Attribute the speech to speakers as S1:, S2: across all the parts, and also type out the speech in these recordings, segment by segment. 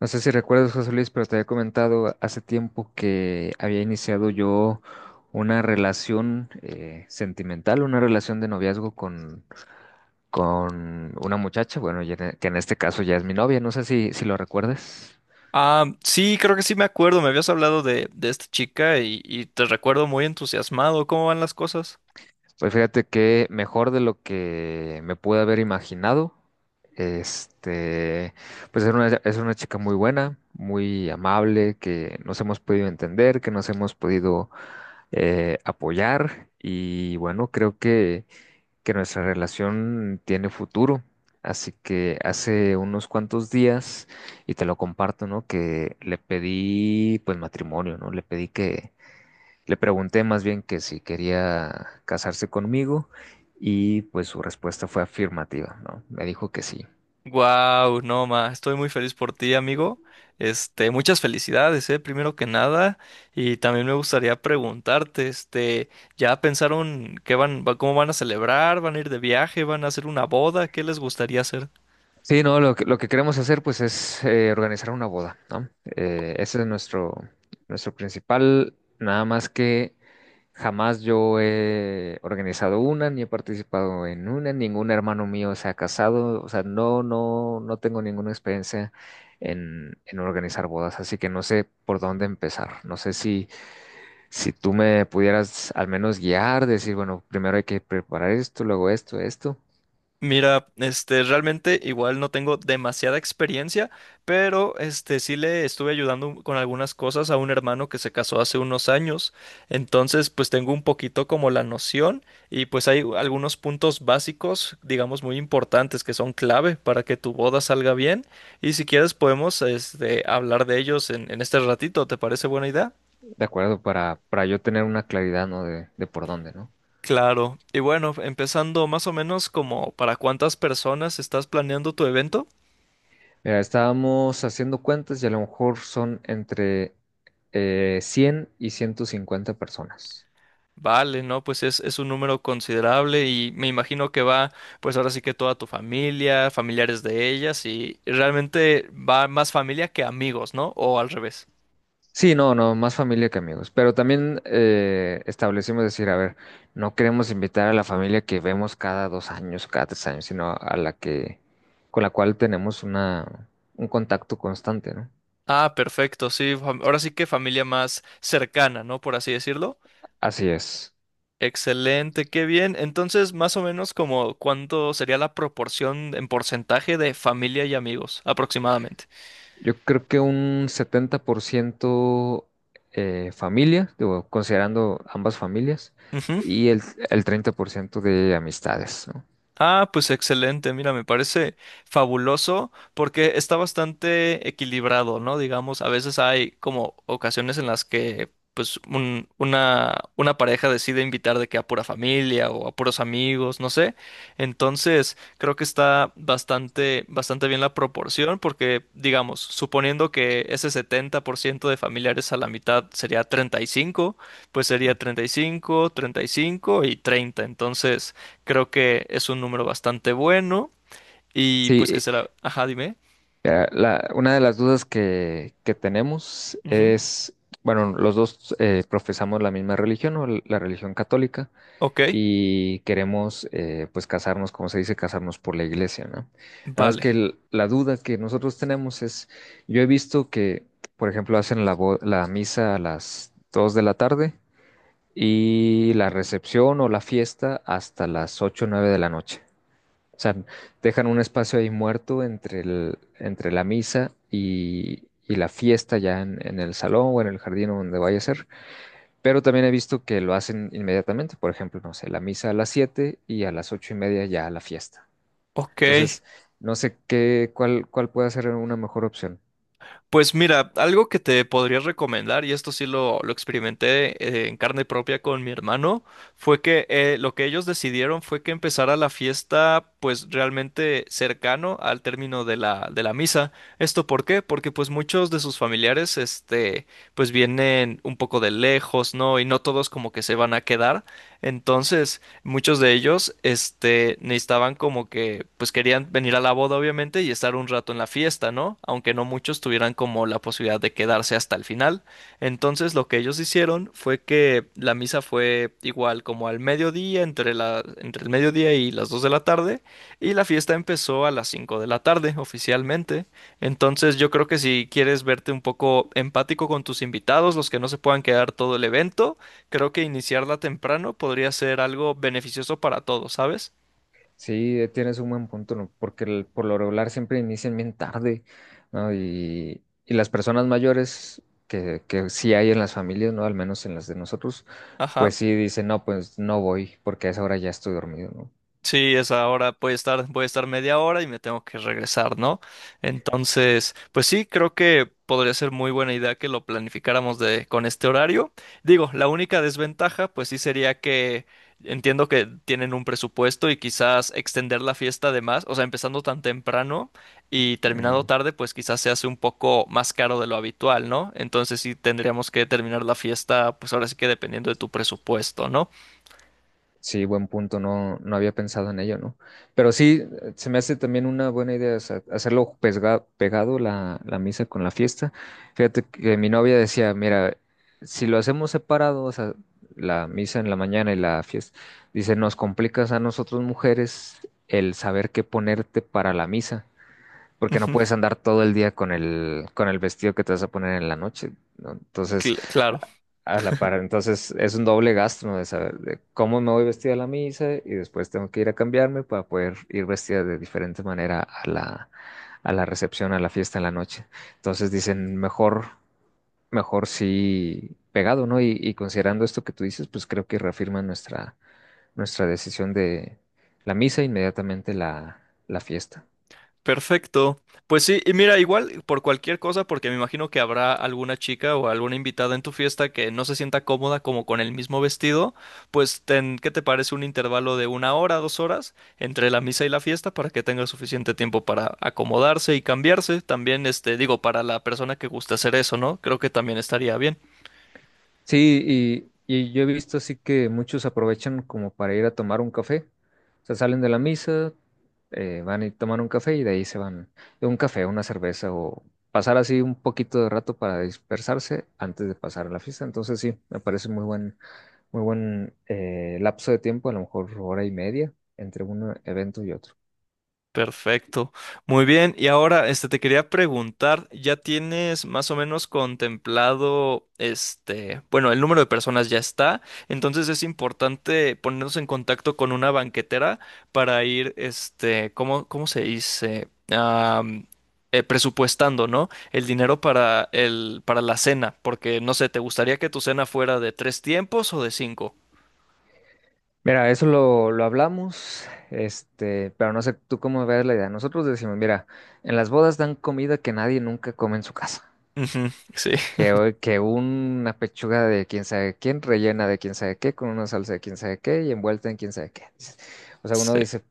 S1: No sé si recuerdas, José Luis, pero te había comentado hace tiempo que había iniciado yo una relación sentimental, una relación de noviazgo con una muchacha, bueno, que en este caso ya es mi novia, no sé si lo recuerdas.
S2: Ah, sí, creo que sí me acuerdo. Me habías hablado de esta chica y te recuerdo muy entusiasmado. ¿Cómo van las cosas?
S1: Pues fíjate que mejor de lo que me pude haber imaginado, este, pues es es una chica muy buena, muy amable, que nos hemos podido entender, que nos hemos podido apoyar y bueno, que nuestra relación tiene futuro. Así que hace unos cuantos días, y te lo comparto, ¿no? Que le pedí pues matrimonio, ¿no? Le pregunté más bien que si quería casarse conmigo y pues su respuesta fue afirmativa, ¿no? Me dijo que sí.
S2: Wow, no, ma, estoy muy feliz por ti, amigo. Este, muchas felicidades, primero que nada. Y también me gustaría preguntarte, este, ¿ya pensaron qué cómo van a celebrar? ¿Van a ir de viaje? ¿Van a hacer una boda? ¿Qué les gustaría hacer?
S1: Sí, no, lo que queremos hacer pues es organizar una boda, ¿no? Ese es nuestro principal, nada más que jamás yo he organizado una, ni he participado en una, ningún hermano mío se ha casado, o sea, no tengo ninguna experiencia en organizar bodas, así que no sé por dónde empezar, no sé si tú me pudieras al menos guiar, decir, bueno, primero hay que preparar esto, luego esto, esto.
S2: Mira, este, realmente igual no tengo demasiada experiencia, pero este sí le estuve ayudando con algunas cosas a un hermano que se casó hace unos años. Entonces, pues tengo un poquito como la noción y pues hay algunos puntos básicos, digamos, muy importantes que son clave para que tu boda salga bien. Y si quieres podemos este hablar de ellos en este ratito, ¿te parece buena idea?
S1: De acuerdo, para yo tener una claridad, ¿no? De por dónde, ¿no?
S2: Claro. Y bueno, empezando más o menos como para cuántas personas estás planeando tu evento.
S1: Mira, estábamos haciendo cuentas y a lo mejor son entre 100 y 150 personas.
S2: Vale, no, pues es un número considerable y me imagino que va, pues ahora sí que toda tu familia, familiares de ellas y realmente va más familia que amigos, ¿no? O al revés.
S1: Sí, no, no, más familia que amigos. Pero también establecimos decir, a ver, no queremos invitar a la familia que vemos cada 2 años, cada 3 años, sino a con la cual tenemos un contacto constante, ¿no?
S2: Ah, perfecto, sí, ahora sí que familia más cercana, ¿no? Por así decirlo.
S1: Así es.
S2: Excelente, qué bien. Entonces, más o menos como cuánto sería la proporción en porcentaje de familia y amigos, aproximadamente.
S1: Yo creo que un 70% familia, digo, considerando ambas familias, y el, el 30% de amistades, ¿no?
S2: Ah, pues excelente, mira, me parece fabuloso porque está bastante equilibrado, ¿no? Digamos, a veces hay como ocasiones en las que pues una pareja decide invitar de que a pura familia o a puros amigos, no sé. Entonces, creo que está bastante, bastante bien la proporción porque, digamos, suponiendo que ese 70% de familiares a la mitad sería 35, pues sería 35, 35 y 30. Entonces... Creo que es un número bastante bueno y pues que
S1: Sí,
S2: será... Ajá, dime.
S1: una de las dudas que tenemos
S2: Ujú.
S1: es, bueno, los dos profesamos la misma religión, o la religión católica,
S2: Ok,
S1: y queremos pues casarnos, como se dice, casarnos por la iglesia, ¿no? Nada más
S2: vale.
S1: que la duda que nosotros tenemos es, yo he visto que, por ejemplo, hacen la misa a las 2 de la tarde y la recepción o la fiesta hasta las 8 o 9 de la noche. O sea, dejan un espacio ahí muerto entre entre la misa y la fiesta ya en el salón o en el jardín o donde vaya a ser. Pero también he visto que lo hacen inmediatamente, por ejemplo, no sé, la misa a las 7 y a las 8 y media ya la fiesta.
S2: Ok.
S1: Entonces, no sé cuál puede ser una mejor opción.
S2: Pues mira, algo que te podría recomendar, y esto sí lo experimenté en carne propia con mi hermano, fue que lo que ellos decidieron fue que empezara la fiesta pues realmente cercano al término de la misa. ¿Esto por qué? Porque pues muchos de sus familiares este pues vienen un poco de lejos, ¿no? Y no todos como que se van a quedar. Entonces, muchos de ellos, este, necesitaban como que, pues querían venir a la boda, obviamente, y estar un rato en la fiesta, ¿no? Aunque no muchos tuvieran como la posibilidad de quedarse hasta el final. Entonces, lo que ellos hicieron fue que la misa fue igual como al mediodía, entre entre el mediodía y las 2 de la tarde, y la fiesta empezó a las 5 de la tarde, oficialmente. Entonces, yo creo que si quieres verte un poco empático con tus invitados, los que no se puedan quedar todo el evento, creo que iniciarla temprano podría ser algo beneficioso para todos, ¿sabes?
S1: Sí, tienes un buen punto, ¿no? Porque por lo regular siempre inician bien tarde, ¿no? Y las personas mayores que sí hay en las familias, ¿no? Al menos en las de nosotros,
S2: Ajá.
S1: pues sí dicen, no, pues no voy porque a esa hora ya estoy dormido, ¿no?
S2: Sí, es ahora puede estar, voy a estar media hora y me tengo que regresar, ¿no? Entonces, pues sí, creo que podría ser muy buena idea que lo planificáramos de, con este horario. Digo, la única desventaja, pues sí sería que entiendo que tienen un presupuesto y quizás extender la fiesta de más, o sea, empezando tan temprano y terminando
S1: Mm,
S2: tarde, pues quizás se hace un poco más caro de lo habitual, ¿no? Entonces sí tendríamos que terminar la fiesta, pues ahora sí que dependiendo de tu presupuesto, ¿no?
S1: sí, buen punto, no había pensado en ello, ¿no? Pero sí, se me hace también una buena idea, o sea, pegado la misa con la fiesta. Fíjate que mi novia decía, mira, si lo hacemos separado, o sea, la misa en la mañana y la fiesta, dice, nos complicas a nosotros mujeres el saber qué ponerte para la misa porque no
S2: Ujú,
S1: puedes andar todo el día con el vestido que te vas a poner en la noche, ¿no? Entonces, a
S2: claro.
S1: a la par, entonces es un doble gasto, ¿no? De saber de cómo me voy vestida a la misa y después tengo que ir a cambiarme para poder ir vestida de diferente manera a a la recepción, a la fiesta en la noche. Entonces dicen, mejor sí pegado, ¿no? Y considerando esto que tú dices, pues creo que reafirma nuestra decisión de la misa e inmediatamente la fiesta.
S2: Perfecto. Pues sí, y mira, igual por cualquier cosa, porque me imagino que habrá alguna chica o alguna invitada en tu fiesta que no se sienta cómoda como con el mismo vestido, pues ten, ¿qué te parece un intervalo de una hora, dos horas entre la misa y la fiesta para que tenga suficiente tiempo para acomodarse y cambiarse? También, este, digo, para la persona que gusta hacer eso, ¿no? Creo que también estaría bien.
S1: Sí, y yo he visto así que muchos aprovechan como para ir a tomar un café. O sea, salen de la misa, van y toman un café y de ahí se van a un café, una cerveza o pasar así un poquito de rato para dispersarse antes de pasar a la fiesta. Entonces sí, me parece muy buen lapso de tiempo, a lo mejor hora y media entre un evento y otro.
S2: Perfecto. Muy bien. Y ahora, este, te quería preguntar, ¿ya tienes más o menos contemplado, este, bueno, el número de personas ya está, entonces es importante ponernos en contacto con una banquetera para ir, este, ¿cómo, cómo se dice? Am, presupuestando, ¿no? El dinero para para la cena, porque no sé, ¿te gustaría que tu cena fuera de tres tiempos o de cinco?
S1: Mira, lo hablamos, pero no sé tú cómo ves la idea. Nosotros decimos, mira, en las bodas dan comida que nadie nunca come en su casa.
S2: Ujú, sí,
S1: Que una pechuga de quién sabe quién, rellena de quién sabe qué, con una salsa de quién sabe qué y envuelta en quién sabe qué. Dices, o sea, uno
S2: sí.
S1: dice,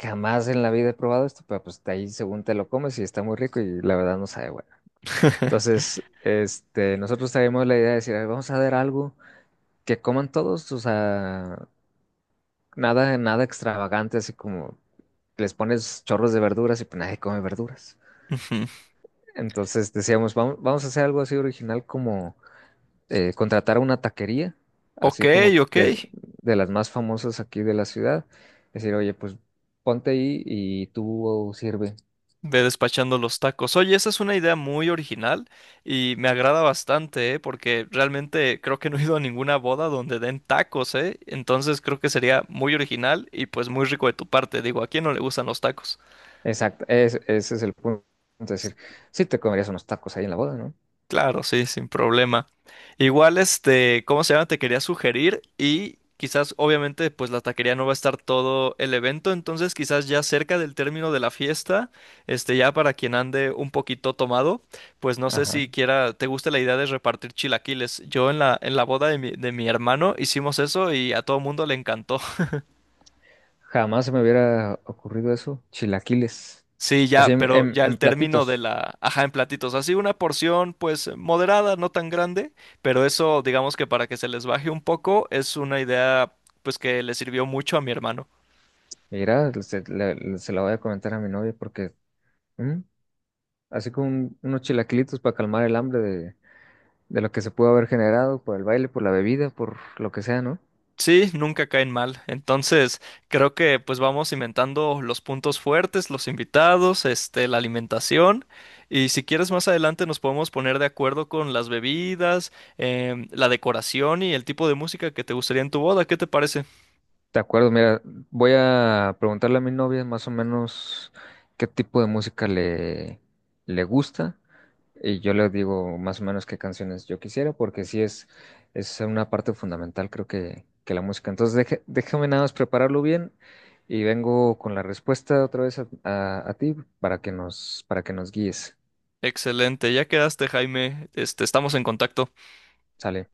S1: jamás en la vida he probado esto, pero pues de ahí según te lo comes y está muy rico y la verdad no sabe bueno. Entonces, nosotros traímos la idea de decir, "A ver, vamos a ver algo que coman todos, o sea, nada extravagante, así como les pones chorros de verduras y pues nadie come verduras.
S2: Ujú.
S1: Entonces decíamos, vamos a hacer algo así original contratar a una taquería,
S2: Ok,
S1: así como
S2: ok.
S1: que de las más famosas aquí de la ciudad, decir, oye, pues ponte ahí y tú sirve.
S2: Ve despachando los tacos. Oye, esa es una idea muy original y me agrada bastante, ¿eh? Porque realmente creo que no he ido a ninguna boda donde den tacos, ¿eh? Entonces creo que sería muy original y pues muy rico de tu parte. Digo, ¿a quién no le gustan los tacos?
S1: Exacto, ese es el punto. Es decir, sí te comerías unos tacos ahí en la boda, ¿no?
S2: Claro, sí, sin problema. Igual, este, ¿cómo se llama? Te quería sugerir y quizás, obviamente, pues la taquería no va a estar todo el evento, entonces quizás ya cerca del término de la fiesta, este, ya para quien ande un poquito tomado, pues no sé
S1: Ajá.
S2: si quiera, te gusta la idea de repartir chilaquiles. Yo en la boda de mi hermano hicimos eso y a todo mundo le encantó.
S1: Jamás se me hubiera ocurrido eso. Chilaquiles.
S2: Sí,
S1: Así
S2: ya, pero ya al
S1: en
S2: término de
S1: platitos.
S2: la, ajá, en platitos, así una porción pues moderada, no tan grande, pero eso digamos que para que se les baje un poco es una idea pues que le sirvió mucho a mi hermano.
S1: Mira, se la voy a comentar a mi novia porque, ¿mm? Así como unos chilaquilitos para calmar el hambre de lo que se pudo haber generado por el baile, por la bebida, por lo que sea, ¿no?
S2: Sí, nunca caen mal. Entonces, creo que pues vamos inventando los puntos fuertes, los invitados, este, la alimentación y si quieres más adelante nos podemos poner de acuerdo con las bebidas, em, la decoración y el tipo de música que te gustaría en tu boda. ¿Qué te parece?
S1: De acuerdo, mira, voy a preguntarle a mi novia más o menos qué tipo de música le gusta y yo le digo más o menos qué canciones yo quisiera porque sí es una parte fundamental creo que la música. Entonces déjame nada más prepararlo bien y vengo con la respuesta otra vez a, a ti para que nos guíes.
S2: Excelente, ya quedaste, Jaime. Este, estamos en contacto.
S1: Sale.